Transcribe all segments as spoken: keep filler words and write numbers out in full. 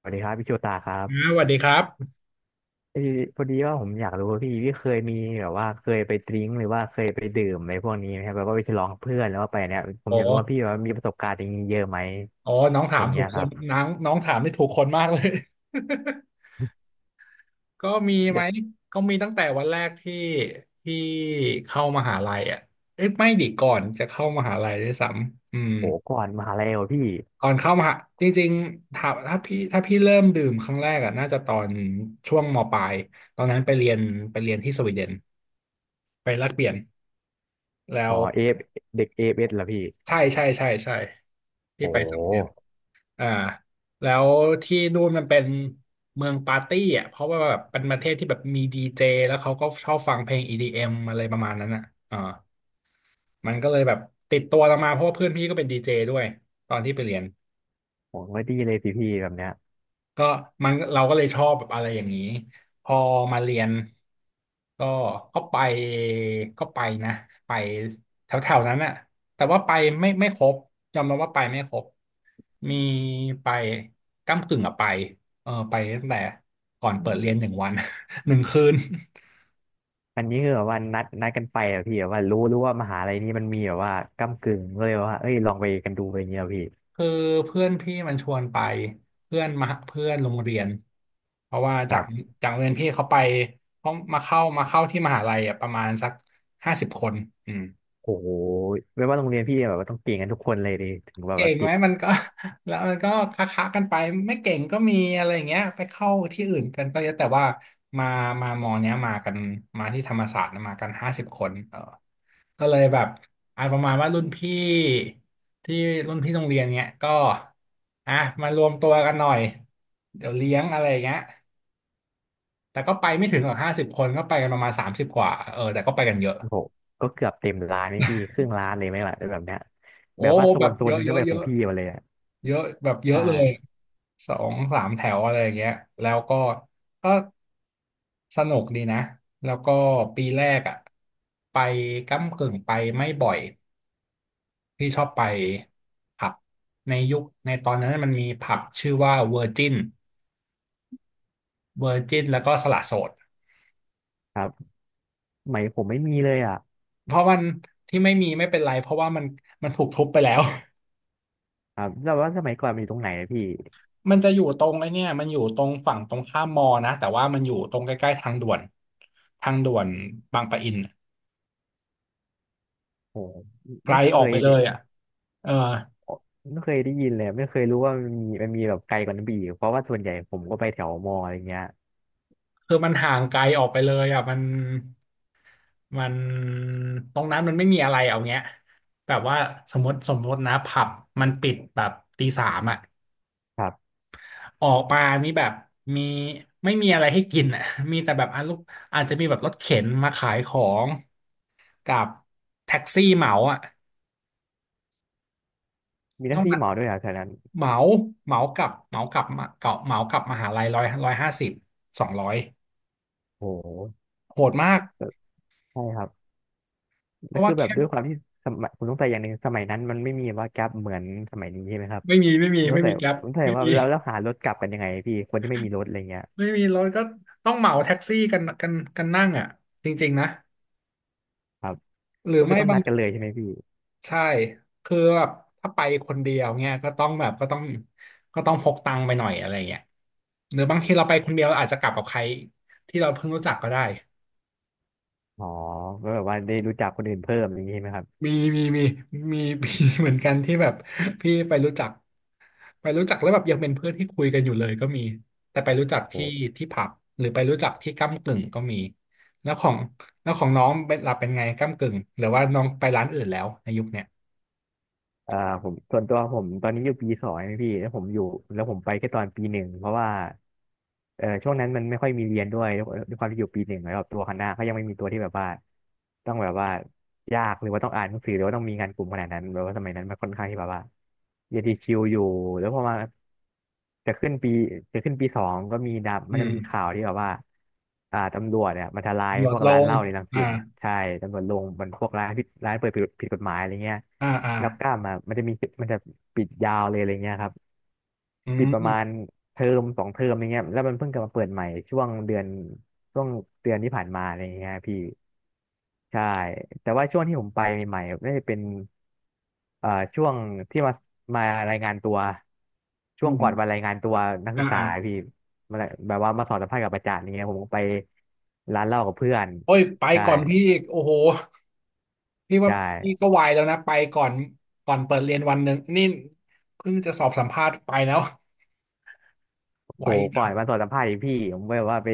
สวัสดีครับพี่โชตาครันะสบวัสดีครับเออพอดีว่าผมอยากรู้ว่าพี่พี่เคยมีแบบว่าเคยไปดริ้งหรือว่าเคยไปดื่มอะไรพวกนี้ไหมครับแบบว่าไปฉลองกับเพื่อนแล้วว่าไปเนี่ยผมโอ้อยากรู้ว่าพี่ว่ามีประสบการณ์อย่างนี้เยอะไหมโอ้น้องถาอมย่างถูเงี้กยคครันบน้องน้องถามได้ถูกคนมากเลย ก็มีไหมเด็กก็มีตั้งแต่วันแรกที่ที่เข้ามหาลัยอ่ะเอ้ยไม่ดิก่อนจะเข้ามหาลัยด้วยซ้ำอืมโหก่อนมหาลัยเหรอพี่ก่อนเข้ามหาจริงๆถ้าถ้าพี่ถ้าพี่เริ่มดื่มครั้งแรกอ่ะน่าจะตอนช่วงมปลายตอนนั้นไปเรียนไปเรียนที่สวีเดนไปแลกเปลี่ยนแล้อ๋อวเอฟเด็กเอฟเอสเหรอพี่ใช่ใช่ใช่ใช่โที่ไปสวีเดน หอ่าแล้วที่นู่นมันเป็นเมืองปาร์ตี้อ่ะเพราะว่าแบบเป็นประเทศที่แบบมีดีเจแล้วเขาก็ชอบฟังเพลง อี ดี เอ็ม อมอะไรประมาณนั้นอ่ะอ่ามันก็เลยแบบติดตัวเรามาเพราะว่าเพื่อนพี่ก็เป็นดีเจด้วยตอนที่ไปเรียน ผมไม่ดีเลยสิพี่แบบเนี้ยก็มันเราก็เลยชอบแบบอะไรอย่างนี้พอมาเรียนก็ก็ไปก็ไปนะไปแถวๆนั้นอะแต่ว่าไปไม่ไม่ครบยอมรับว่าไปไม่ครบมีไปก้ำกึ่งอะไปเออไปตั้งแต่ก่อนเปิดเรียนหนึ่งวัน หนึ่งคืน อันนี้คือแบบว่านัดนัดกันไปเหรอพี่แบบว่ารู้รู้ว่ามหาลัยนี้มันมีแบบว่าก้ำกึ่งก็เลยว่าเอ้ยลองไปกันดูอะไรเงี้ยเหรอพี่ คือเพื่อนพี่มันชวนไปเพื่อนมาเพื่อนโรงเรียนเพราะว่าจากจากโรงเรียนพี่เขาไปเขามาเข้ามาเข้าที่มหาลัยอ่ะประมาณสักห้าสิบคนอืมโอ้โหไม่ว่าโรงเรียนพี่แบบว่าต้องเก่งกันทุกคนเลยดิถึงแบบเก่ว่างไหติมดมันก็ แล้วมันก็ค้าๆกันไปไม่เก่งก็มีอะไรอย่างเงี้ยไปเข้าที่อื่นกันก็เยอะแต่ว่ามามามอเนี้ยมากันมาที่ธรรมศาสตร์นะมากันห้าสิบคนเออ ก็เลยแบบอ่าประมาณว่ารุ่นพี่ที่รุ่นพี่โรงเรียนเนี้ยก็อ่ะมารวมตัวกันหน่อยเดี๋ยวเลี้ยงอะไรอย่างเงี้ยแต่ก็ไปไม่ถึงหรอกห้าสิบคนก็ไปกันประมาณสามสิบกว่าเออแต่ก็ไปกันเยอะโอ้โหก็เกือบเต็มร้านไหมพี่ครึ่งร้านเลยไหมล่ะแบบเนี้ยโอ้แบบว่าโซแบนบโซเยนหอะนึ่งเยก็อะเป็นเยของอะพี่มาเลยอ่ะเยอะแบบเยใชอะเลย่สองสามแถวอะไรอย่างเงี้ยแล้วก็ก็สนุกดีนะแล้วก็ปีแรกอ่ะไปก้ำกึ่งไปไม่บ่อย พี่ชอบไปผับในยุคในตอนนั้นมันมีผับชื่อว่าเวอร์จินเวอร์จินแล้วก็สละโสดครับสมัยผมไม่มีเลยอ่ะเพราะมันที่ไม่มีไม่เป็นไรเพราะว่ามันมันถูกทุบไปแล้ว ครับแล้วว่าสมัยก่อนมันอยู่ตรงไหนอะพี่มันจะอยู่ตรงไอ้เนี่ยมันอยู่ตรงฝั่งตรงข้ามมอนะแต่ว่ามันอยู่ตรงใกล้ๆทางด่วนทางด่วนบางปะอินน่ะโอ้โหไกลไม่เคออกยไปเลได้ยอ่ะเออไม่เคยได้ยินเลยไม่เคยรู้ว่ามันมีมันมีแบบไกลกว่านั้นไปอีกเพราะว่าส่วนใหญ่ผมก็ไปแถวมออะไรเงี้ยคือมันห่างไกลออกไปเลยอ่ะมันมันตรงนั้นมันไม่มีอะไรเอาเงี้ยแบบว่าสมมติสมมตินะผับมันปิดแบบตีสามอ่ะ ครับออกมานี่แบบมีไม่มีอะไรให้กินอ่ะ มีแต่แบบอาลูกอาจจะมีแบบรถเข็นมาขายของกับแท็กซี่เหมาอ่ะมีหต้อน้างที่มาเหมาด้วยอ่ะแถวนั้นเหมาเหมากับเหมากับมาเกาะเหมากับมหาลัยร้อย ร้อยห้าสิบ สองร้อยโอ้โหโหดมากใช่ครับ เพแล้วราะคืว่าอแบบแค่ด้วยความที่สมัยผมสงสัยอย่างหนึ่งสมัยนั้นมันไม่มีว่าแก๊ปเหมือนสมัยนี้ใช่ไหมครับไม่มีไม่มีผมสไม่งสัมียแกร็บผมสงสัยไม่ว่ามีแล้วแล้วหารถกลับกันยังไงพี่คนที่ไม่มีรถอะไรเงี้ยไม่มีรถก็ต้องเหมาแท็กซี่กันกันกันนั่งอ่ะจริงๆนะครับหรือก็คือไม่ต้องบานัง ดกันเลยใช่ไหมพี่ใช่ คือแบบถ้าไปคนเดียวเนี่ยก็ต้องแบบก็ต้องก็ต้องพกตังค์ไปหน่อยอะไรเงี้ยหรือบางทีเราไปคนเดียวเราอาจจะกลับกับใครที่เราเพิ่งรู้จักก็ได้ อ๋อก็แบบว่าได้รู้จักคนอื่นเพิ่มอย่างนี้ใช่ไหมครับมีมีมีมี มีเหมือนกันที่แบบพี่ไปรู้จักไปรู้จักแล้วแบบยังเป็นเพื่อนที่คุยกันอยู่เลยก็มีแต่ไปรู้จักโห ที่ที่ผับหรือไปรู้จักที่ก้ำกึ่งก็มีแล้วของแล้วของน้องเป็นหลับเป็นไงก้ำกึ่งหรือว่าน้องไปร้านอื่นแล้วในยุคเนี้ยอ่าผมส่วนตัวผมตอนนี้อยู่ปีสองนะพี่แล้วผมอยู่แล้วผมไปแค่ตอนปีหนึ่งเพราะว่าเออช่วงนั้นมันไม่ค่อยมีเรียนด้วยด้วยความที่อยู่ปีหนึ่งแล้วแบบตัวคณะเขายังไม่มีตัวที่แบบว่าต้องแบบว่ายากหรือว่าต้องอ่านหนังสือหรือว่าต้องมีงานกลุ่มขนาดนั้นแบบว่าสมัยนั้นมันค่อนข้างที่แบบว่าเรียนดีคิวอยู่แล้วพอมาจะขึ้นปีจะขึ้นปีสองก็มีดับมัอืนจะมีข่ามวที่แบบว่าอ่าตำรวจเนี่ยมาทลายลพดวกลร้านงเหล้าในรังอ่าสิตใช่ตำรวจลงมันพวกร้านผิดร้านเปิดผิดผิดกฎหมายอะไรเงี้ย อ่าอ่ารับกล้ามอ่ะมันจะมีมันจะปิดยาวเลยอะไรเงี้ยครับอืปิดประมาณม เทอมสองเทอมอะไรเงี้ยแล้วมันเพิ่งกลับมาเปิดใหม่ช่วงเดือนช่วงเดือนที่ผ่านมาอะไรเงี้ยพี่ใช่แต่ว่าช่วงที่ผมไปใหม่ๆน่าจะเป็นเอ่อช่วงที่มามารายงานตัวช่อืวงก่อนวันมรายงานตัวนักอ่าศึกษาอ่าพี่มาแบบว่ามาสอบสัมภาษณ์กับอาจารย์อย่างเงี้ยผมก็ไปร้านเหล้ากับเพื่อนโอ้ยไปใช่ก่อนพี่อีกโอ้โหพี่ใชว่าพี่่ ก็ไวแล้วนะไปก่อนก่อนเปิดเรียนวันหนึ่งนี่เพิ่งจะสอบสัมภาษณ์ไปแล้วไวโหก่อจันงมาสอนสัมภาษณ์อีกพี่ผมแบบว่าไป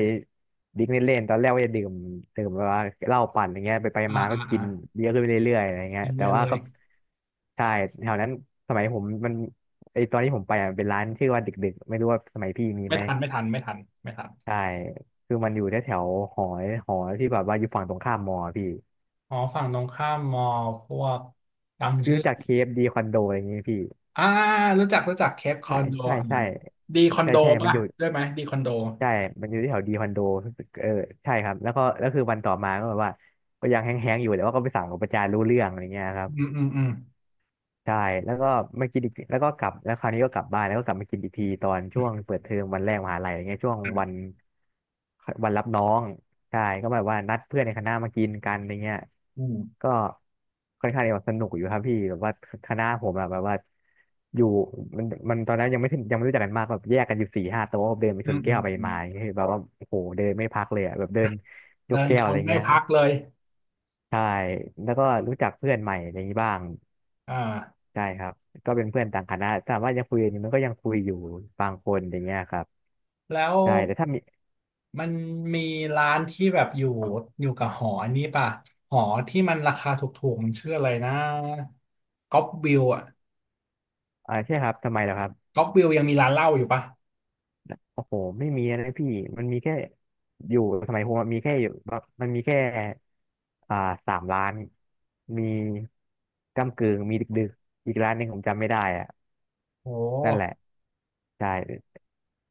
ดิ้งเล่นๆตอนแรกว่าจะดื่มดื่มแบบว่าเหล้าปั่นอย่างเงี้ยไปไปอ่ามาก็อ่ากิอ่านเยอะขึ้นไปเรื่อยๆอะไรเงี้ยเย็นแต่เยว่าเลยก็ใช่แถวนั้นสมัยผมมันไอตอนที่ผมไปอ่ะเป็นร้านชื่อว่าดึกๆไม่รู้ว่าสมัยพี่มีไม่ไหมทันไม่ทันไม่ทันไม่ทันใช่คือมันอยู่แถวแถวหอหอที่แบบว่าอยู่ฝั่งตรงข้ามมอพี่อ๋อฝั่งตรงข้ามมอพวกจำพี่ชื่อรู้จักเคฟดีคอนโดอะไรอย่างงี้ไหมพี่อ่ารู้จักรู้จักเคปคอใช่นโดใช่อ่ะใช่ดีคอนใช่โดใช่มันป่ะอยู่ ได้ไหมดีคอนโดใช่ มันอยู่ที่แถวดีคอนโดเออใช่ครับ แล้วก็แล้วคือวันต่อมาก็แบบว่า ก็ยังแห้งๆอยู่แต่ว่าก็ไปสั่งกับประจานรู้เรื่องอะไรเงี้ยครับ อืมอืมอืมใช่แล้วก็มากินอีกแล้วก็กลับแล้วคราวนี้ก็กลับบ้านแล้วก็กลับมากินอีกทีตอนช่วงเปิดเทอมวันแรกมหาลัยอะไรเงี้ยช่วงวันวันรับน้องใช่ก็แบบว่านัดเพื่อนในคณะมากินกันอะไรเงี้ยอืมก็ค่อนข้างจะสนุกอยู่ครับพี่แบบว่าคณะผมอะแบบว่าอยู่มันมันตอนนั้นยังไม่ถึงยังไม่รู้จักกันมากแบบแยกกันอยู่สี่ห้าโต๊ะเดินไปอืชมนอืแก้มวไปอืมมาอย่างเงี้ยแบบว่าโอ้โหเดินไม่พักเลยอะแบบเดินยเดิกนแก้ชวอะไรนไม่เงี้ยพักเลยใช่แล้วก็รู้จักเพื่อนใหม่อะไรอย่างนี้บ้าง อ่า ใช่ครับก็เป็นเพื่อนต่างคณะถามว่ายังคุยอยู่มันก็ยังคุยอยู่บางคนอย่างเงี้ยครับแล้วใช่แต่ถ้ามีมันมีร้านที่แบบอยู่อยู่กับหออันนี้ป่ะหอที่มันราคาถูกๆมันชื่ออะไรนะก๊อปวิวอ่ะอ่าใช่ครับทำไมล่ะครับก๊อปวิวยังมีร้านเหล้าอยู่ป่ะโอ้โหไม่มีนะพี่มันมีแค่อยู่สมัยผมอะมีแค่อยู่มันมีแค่อ่าสามร้านมีก้ำกึ่งมีดึกๆอีกร้านหนึ่งผมจำไม่ได้อะโอนั่นแหละ้ใช่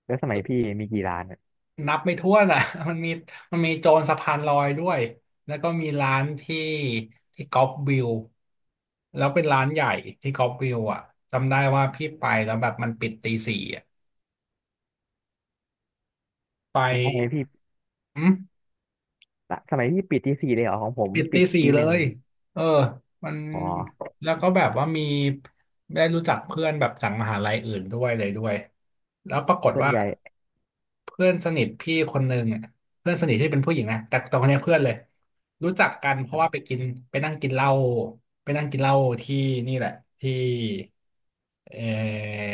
แล้วสมัยพี่มีกี่ร้านอะนับไม่ถ้วนอ่ะ มันมีมันมีโจรสะพานลอยด้วยแล้วก็มีร้านที่ที่ก๊อปวิวแล้วเป็นร้านใหญ่ที่ก๊อปวิวอ่ะจำได้ว่าพี่ไปแล้วแบบมันปิดตีสี่อ่ะไสมัยปพี่อืม สมัยพี่ปิดตีสี่เลยเหรอของผมปิดปิตีดสี่ตีเลหนึ่งยเออมันอ๋อแล้วก็แบบว่ามีได้รู้จักเพื่อนแบบจากมหาลัยอื่นด้วยเลยด้วยแล้วปรากฏส่วนว่าใหญ่เพื่อนสนิทพี่คนหนึ่งอะเพื่อนสนิทที่เป็นผู้หญิงนะแต่ตอนนี้เพื่อนเลย รู้จักกันเพราะว่าไปกินไปนั่งกินเหล้าไปนั่งกินเหล้าที่นี่แหละ ที่เออ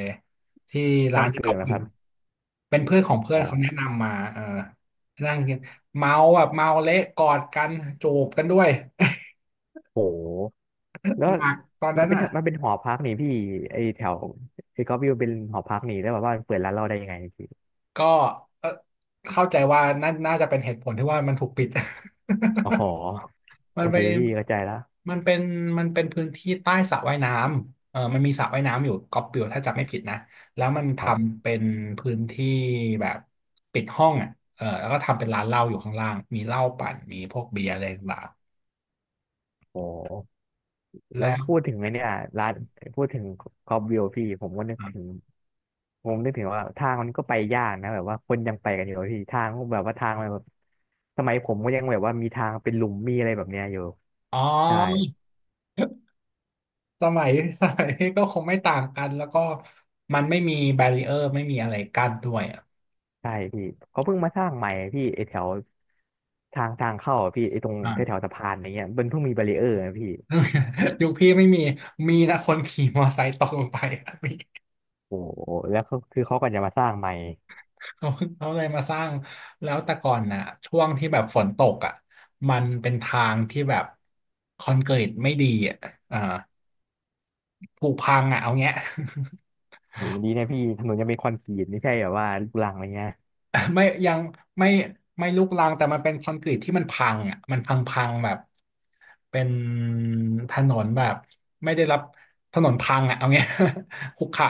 ที่ร้านก้ำที่กึ่เขางนะอคยู่รับ เป็นเพื่อนของเพื่ออ๋นอเขาแนะนำมาเออนั่งกินเมาแบบเมาเละกอดกันจูบกันด้วย โหแล้วหนักตอนมันั้นนเป็นอ่ะมันเป็นหอพักนี่พี่ไอแถวไอก็วิวเป็นหอพักนี่แล้วแบบว่าเปิดร้านเราได้ยังไงพี่ก็เอ่อเข้าใจว่าน่าน่าจะเป็นเหตุผลที่ว่ามันถูกปิด อ๋อ มัโอนเคเป็นพี่เข้าใจแล้วมันเป็นมันเป็นพื้นที่ใต้สระว่ายน้ำเออมันมีสระว่ายน้ำอยู่กอบปิวถ้าจำไม่ผิดนะแล้วมันทครับำเป็นพื้นที่แบบปิดห้องอ่ะเออแล้วก็ทำเป็นร้านเหล้าอยู่ข้างล่างมีเหล้าปั่นมีพวกเบียร์อะไรต่างโอ้ๆแล้วแล้วพูดถึงไอเนี่ยร้านพูดถึงก็วิวพี่ผมก็นึกถึงผมนึกถึงว่าทางมันก็ไปยากนะแบบว่าคนยังไปกันอยู่อะพี่ทางก็แบบว่าทางมันแบบสมัยผมก็ยังแบบว่ามีทางเป็นหลุมมีอะไรแบบเนี้ยอยู่อ๋อ ใช่ สมัย สมัยก็คงไม่ต่างกันแล้วก็มันไม่มีแบรีเออร์ไม่มีอะไรกั้นด้วยอ่ะใช่พี่เขาเพิ่งมาสร้างใหม่พี่ไอแถวทางทางเข้าอะพี่ไอตรงอ่า แถวแถวสะพานอะไรเงี้ยมันเพิ่งมีบารีเออร์นะพี่ ยุคพี่ไม่มีมีนะคนขี่มอไซค์ตกลงไป อะมีโอ้โหแล้วก็คือเขาก็จะมาสร้างใหม่เขาเขาเลยมาสร้างแล้วแต่ก่อนน่ะช่วงที่แบบฝนตกอ่ะมันเป็นทางที่แบบคอนกรีตไม่ดีอ่ะอ่าผุพังอ่ะเอาเงี้ย โหยังดีนะพี่ถนนยังเป็นคอนกรีตไม่ใช่แบบว่าลูกรังอะไรเงี้ยไม่ยังไม่ไม่ลุกรังแต่มันเป็นคอนกรีตที่มันพังอ่ะมันพังพังแบบเป็นถนนแบบไม่ได้รับถนนพังอ่ะเอาเงี้ย ขรุขระ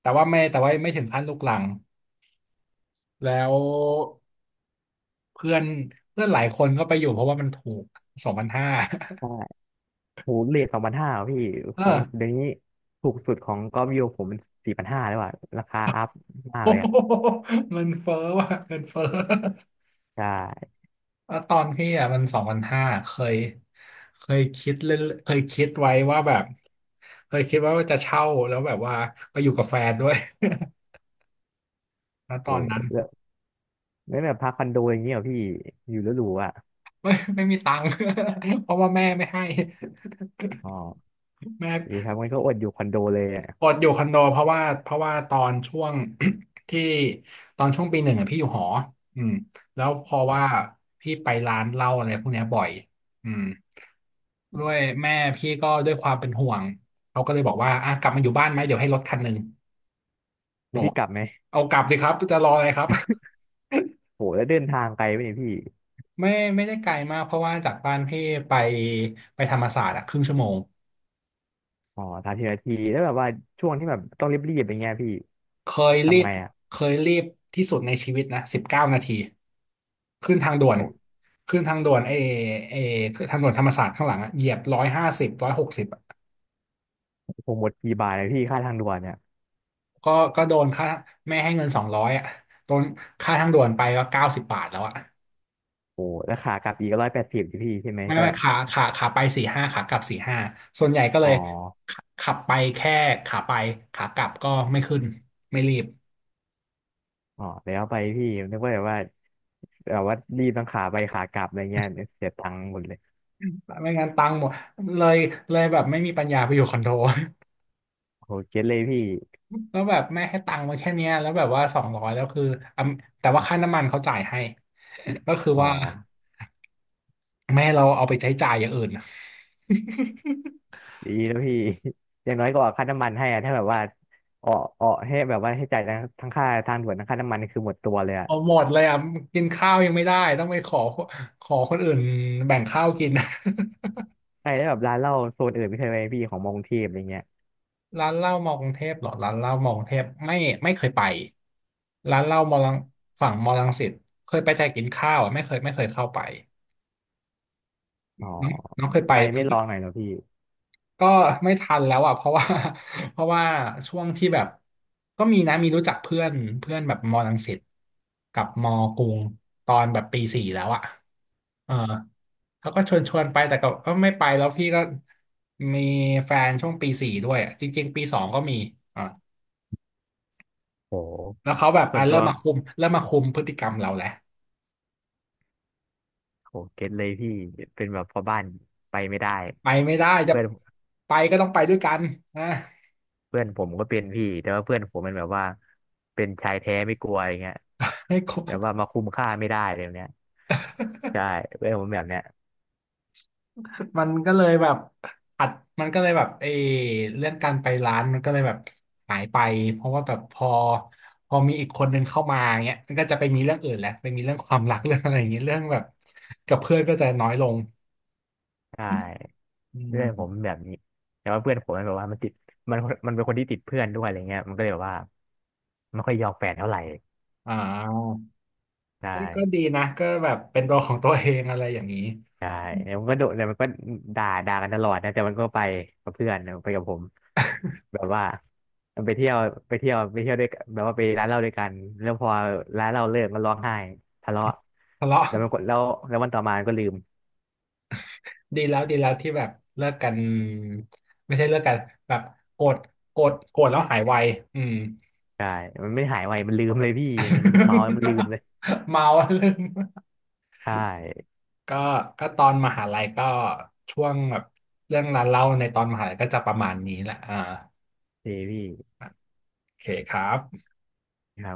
แต่ว่าไม่แต่ว่าไม่ถึงขั้นลุกรังแล้วเพื่อนเพื่อนหลายคนก็ไปอยู่เพราะว่ามันถูกสองพันห้า ใช่โหเรทสองพันห้าพี่ เอขอ องเดี๋ยวนี้ถูกสุดของกอล์ฟวิวผมมันสี่พันห้าแล้วอะราคาอัพมากเลยอะ มันเฟ้อว่ะเงินเฟ้อ ใช่ว่าตอนพี่อ่ะมันสองพันห้าเคยเคยคิดเล่นเคยคิดไว้ว่าแบบเคยคิดว่าจะเช่าแล้วแบบว่าไปอยู่กับแฟนด้วย แล้วตโอ้อนนั้น แล้วไม่แบบพักคอนโดอย่างเงี้ยเหรอพี่อยู่แล้วหรูอะ ไม่ไม่มีตังค์ เพราะว่าแม่ไม่ให้ อ๋อ แม่ ดีครับงั้นก็อดอยู่คอนโดเลยอะกดอยู่คอนโดเพราะว่าเพราะว่าตอนช่วง ที่ตอนช่วงปีหนึ่งอ่ะพี่อยู่หออืมแล้วเพอว่าพี่ไปร้านเหล้าอะไรพวกเนี้ยบ่อยอืมด้วยแม่พี่ก็ด้วยความเป็นห่วงเขาก็เลยบอกว่าอ่ะกลับมาอยู่บ้านไหมเดี๋ยวให้รถคันหนึ่งแล้วพี่กลับไหมเอากลับสิครับจะรออะไรครับ โหแล้วเดินทางไกลไหมเนี่ยพี่ ไม่ไม่ได้ไกลมากเพราะว่าจากบ้านพี่ไปไปธรรมศาสตร์อะครึ่งชั่วโมง อ๋อสามสิบนทีแล้วแบบว่าช่วงที่แบบต้องรีบๆอย่างเงี้ยพี่เคยรีทำบไงอ่ะเคยรีบที่สุดในชีวิตนะสิบเก้านาทีขึ้นทางด่วนโอ้ขึ้นทางด่วนไอ้ไอ้ทางด่วนธรรมศาสตร์ข้างหลังอะเหยียบร้อยห้าสิบร้อยหกสิบคงหมดกี่บาทเลยพี่ค่าทางด่วนเนี่ยก็ก็โดนค่าแม่ให้เงินสองร้อยอ่ะโดนค่าทางด่วนไปก็เก้าสิบบาทแล้วอ่ะโอ้แล้วขากลับอีกร้อยแปดสิบพี่ใช่ไหมไม่แต่ไม่แบบขาขาขาไปสี่ห้าขากลับสี่ห้าส่วนใหญ่ก็เลอ๋อยขขับไปแค่ขาไปขากลับก็ไม่ขึ้นไม่รีบอ๋อแล้วไปพี่นึกว่าแบบว่าแบบว่ารีบทั้งขาไปขากลับอะไรเงี้ยเสียตังค์หมดเลยไม่งั้นตังค์หมดเลยเลยแบบไม่มีปัญญาไปอยู่คอนโด โอ้เก็ตเลยพี่แล้วแบบแม่ให้ตังค์มาแค่เนี้ยแล้วแบบว่าสองร้อยแล้วคืออ่ะแต่ว่าค่าน้ำมันเขาจ่ายให้ ก็คืออ๋อว่าแม่เราเอาไปใช้จ่ายอย่างอื่น ดีแล้วพี่ อย่างน้อยก็ออกค่าน้ำมันให้อะถ้าแบบว่าออกออกให้แบบว่าให้จ่ายทั้งทั้งค่าทางด่วนทั้งค่าน้ำมันนี่คือหมดตัวเลยอะเอาหมดเลยอ่ะกินข้าวยังไม่ได้ต้องไปขอขอคนอื่นแบ่งข้าวกิน ใช่แล้วแบบร้านเหล้าโซนอื่นไม่เคยไปพี่ของมอกรุงเทพอะไรเงี้ย ร้านเหล้ามอกรุงเทพเหรอร้านเหล้ามอกรุงเทพไม่ไม่เคยไปร้านเหล้ามอลังฝั่งมอลังสิตเคยไปแต่กินข้าวอ่ะไม่เคยไม่เคยเข้าไปอ๋อน้องน้องเคยไป ทำไมไม่ลองหน่อยเหรอพี่ก็ไม่ทันแล้วอ่ะเพราะว่า เพราะว่าช่วงที่แบบก็มีนะมีรู้จักเพื่อนเพื่อนแบบมอรังสิตกับมอกรุงตอนแบบปีสี่แล้วอ่ะเออเขาก็ชวนชวนไปแต่ก็ก็ไม่ไปแล้วพี่ก็มีแฟนช่วงปีสี่ด้วยอะจริงๆปีสองก็มีอ่าโหแล้วเขาแบบส่อ่ะวนเริ่ตัวมมาคุมเริ่มมาคุมพฤติกรรมเราแหละโหเก็ตเลยพี่เป็นแบบพ่อบ้านไปไม่ได้ไปไม่ได้จะเพื่อนไปก็ต้องไปด้วยกันนะเพื่อนผมก็เป็นพี่แต่ว่าเพื่อนผมมันแบบว่าเป็นชายแท้ไม่กลัวอย่างเงี้ยให้ครแบบว่าบ มาคุมค่าไม่ได้เลยแบบเนี้ยใช่เพื่อนผมแบบเนี้ยมันก็เลยแบบอัดมันก็เลยแบบเออเรื่องการไปร้านมันก็เลยแบบหายไปเพราะว่าแบบพอพอมีอีกคนหนึ่งเข้ามาเงี้ยมันก็จะไปมีเรื่องอื่นแล้วไปมีเรื่องความรักเรื่องอะไรอย่างเงี้ยเรื่องแบบกับเพื่อนก็จะน้อยลงใช่อืเพื่อนผมมแบบนี้แต่ว่าเพื่อนผมมันแบบว่ามันติดมันมันเป็นคนที่ติดเพื่อนด้วยอะไรเงี้ยมันก็เลยแบบว่าไม่ค่อยยอมแฟนเท่าไหร่อ่าใช่ ก็ก็ดีนะก็แบบเป็นตัวของตัวเองอะไรอย่างนี้ใช่อืมแล้วมันก็โดนแล้วมันก็ด่าด่ากันตลอดนะแต่มันก็ไปกับเพื่อนนะไปกับผมแบบว่ามันไปเที่ยวไปเที่ยวไปเที่ยวด้วยกันแบบว่าไปร้านเหล้าด้วยกัน แล้วพอร้านเหล้าเลิกมันร้องไห้ทะเลาะทะเลาะแล้วมันก็แล้วแล้ววันต่อมามันก็ลืมดีแล้วดีแล้วที่แบบเลิกกันไม่ใช่เลิกกันแบบโกรธโกรธโกรธแล้วหายไวอืม ใช่มันไม่หายไว มันลืมเลยพี่มันเมาแล้วมันลืมเล ยเมาเรื่อง ใช่ก็ก็ตอนมหาลัยก็ช่วงแบบเรื่องรานเล่าในตอนมหาลัยก็จะประมาณนี้แหละอ่าเจพี่โอเคครับครับ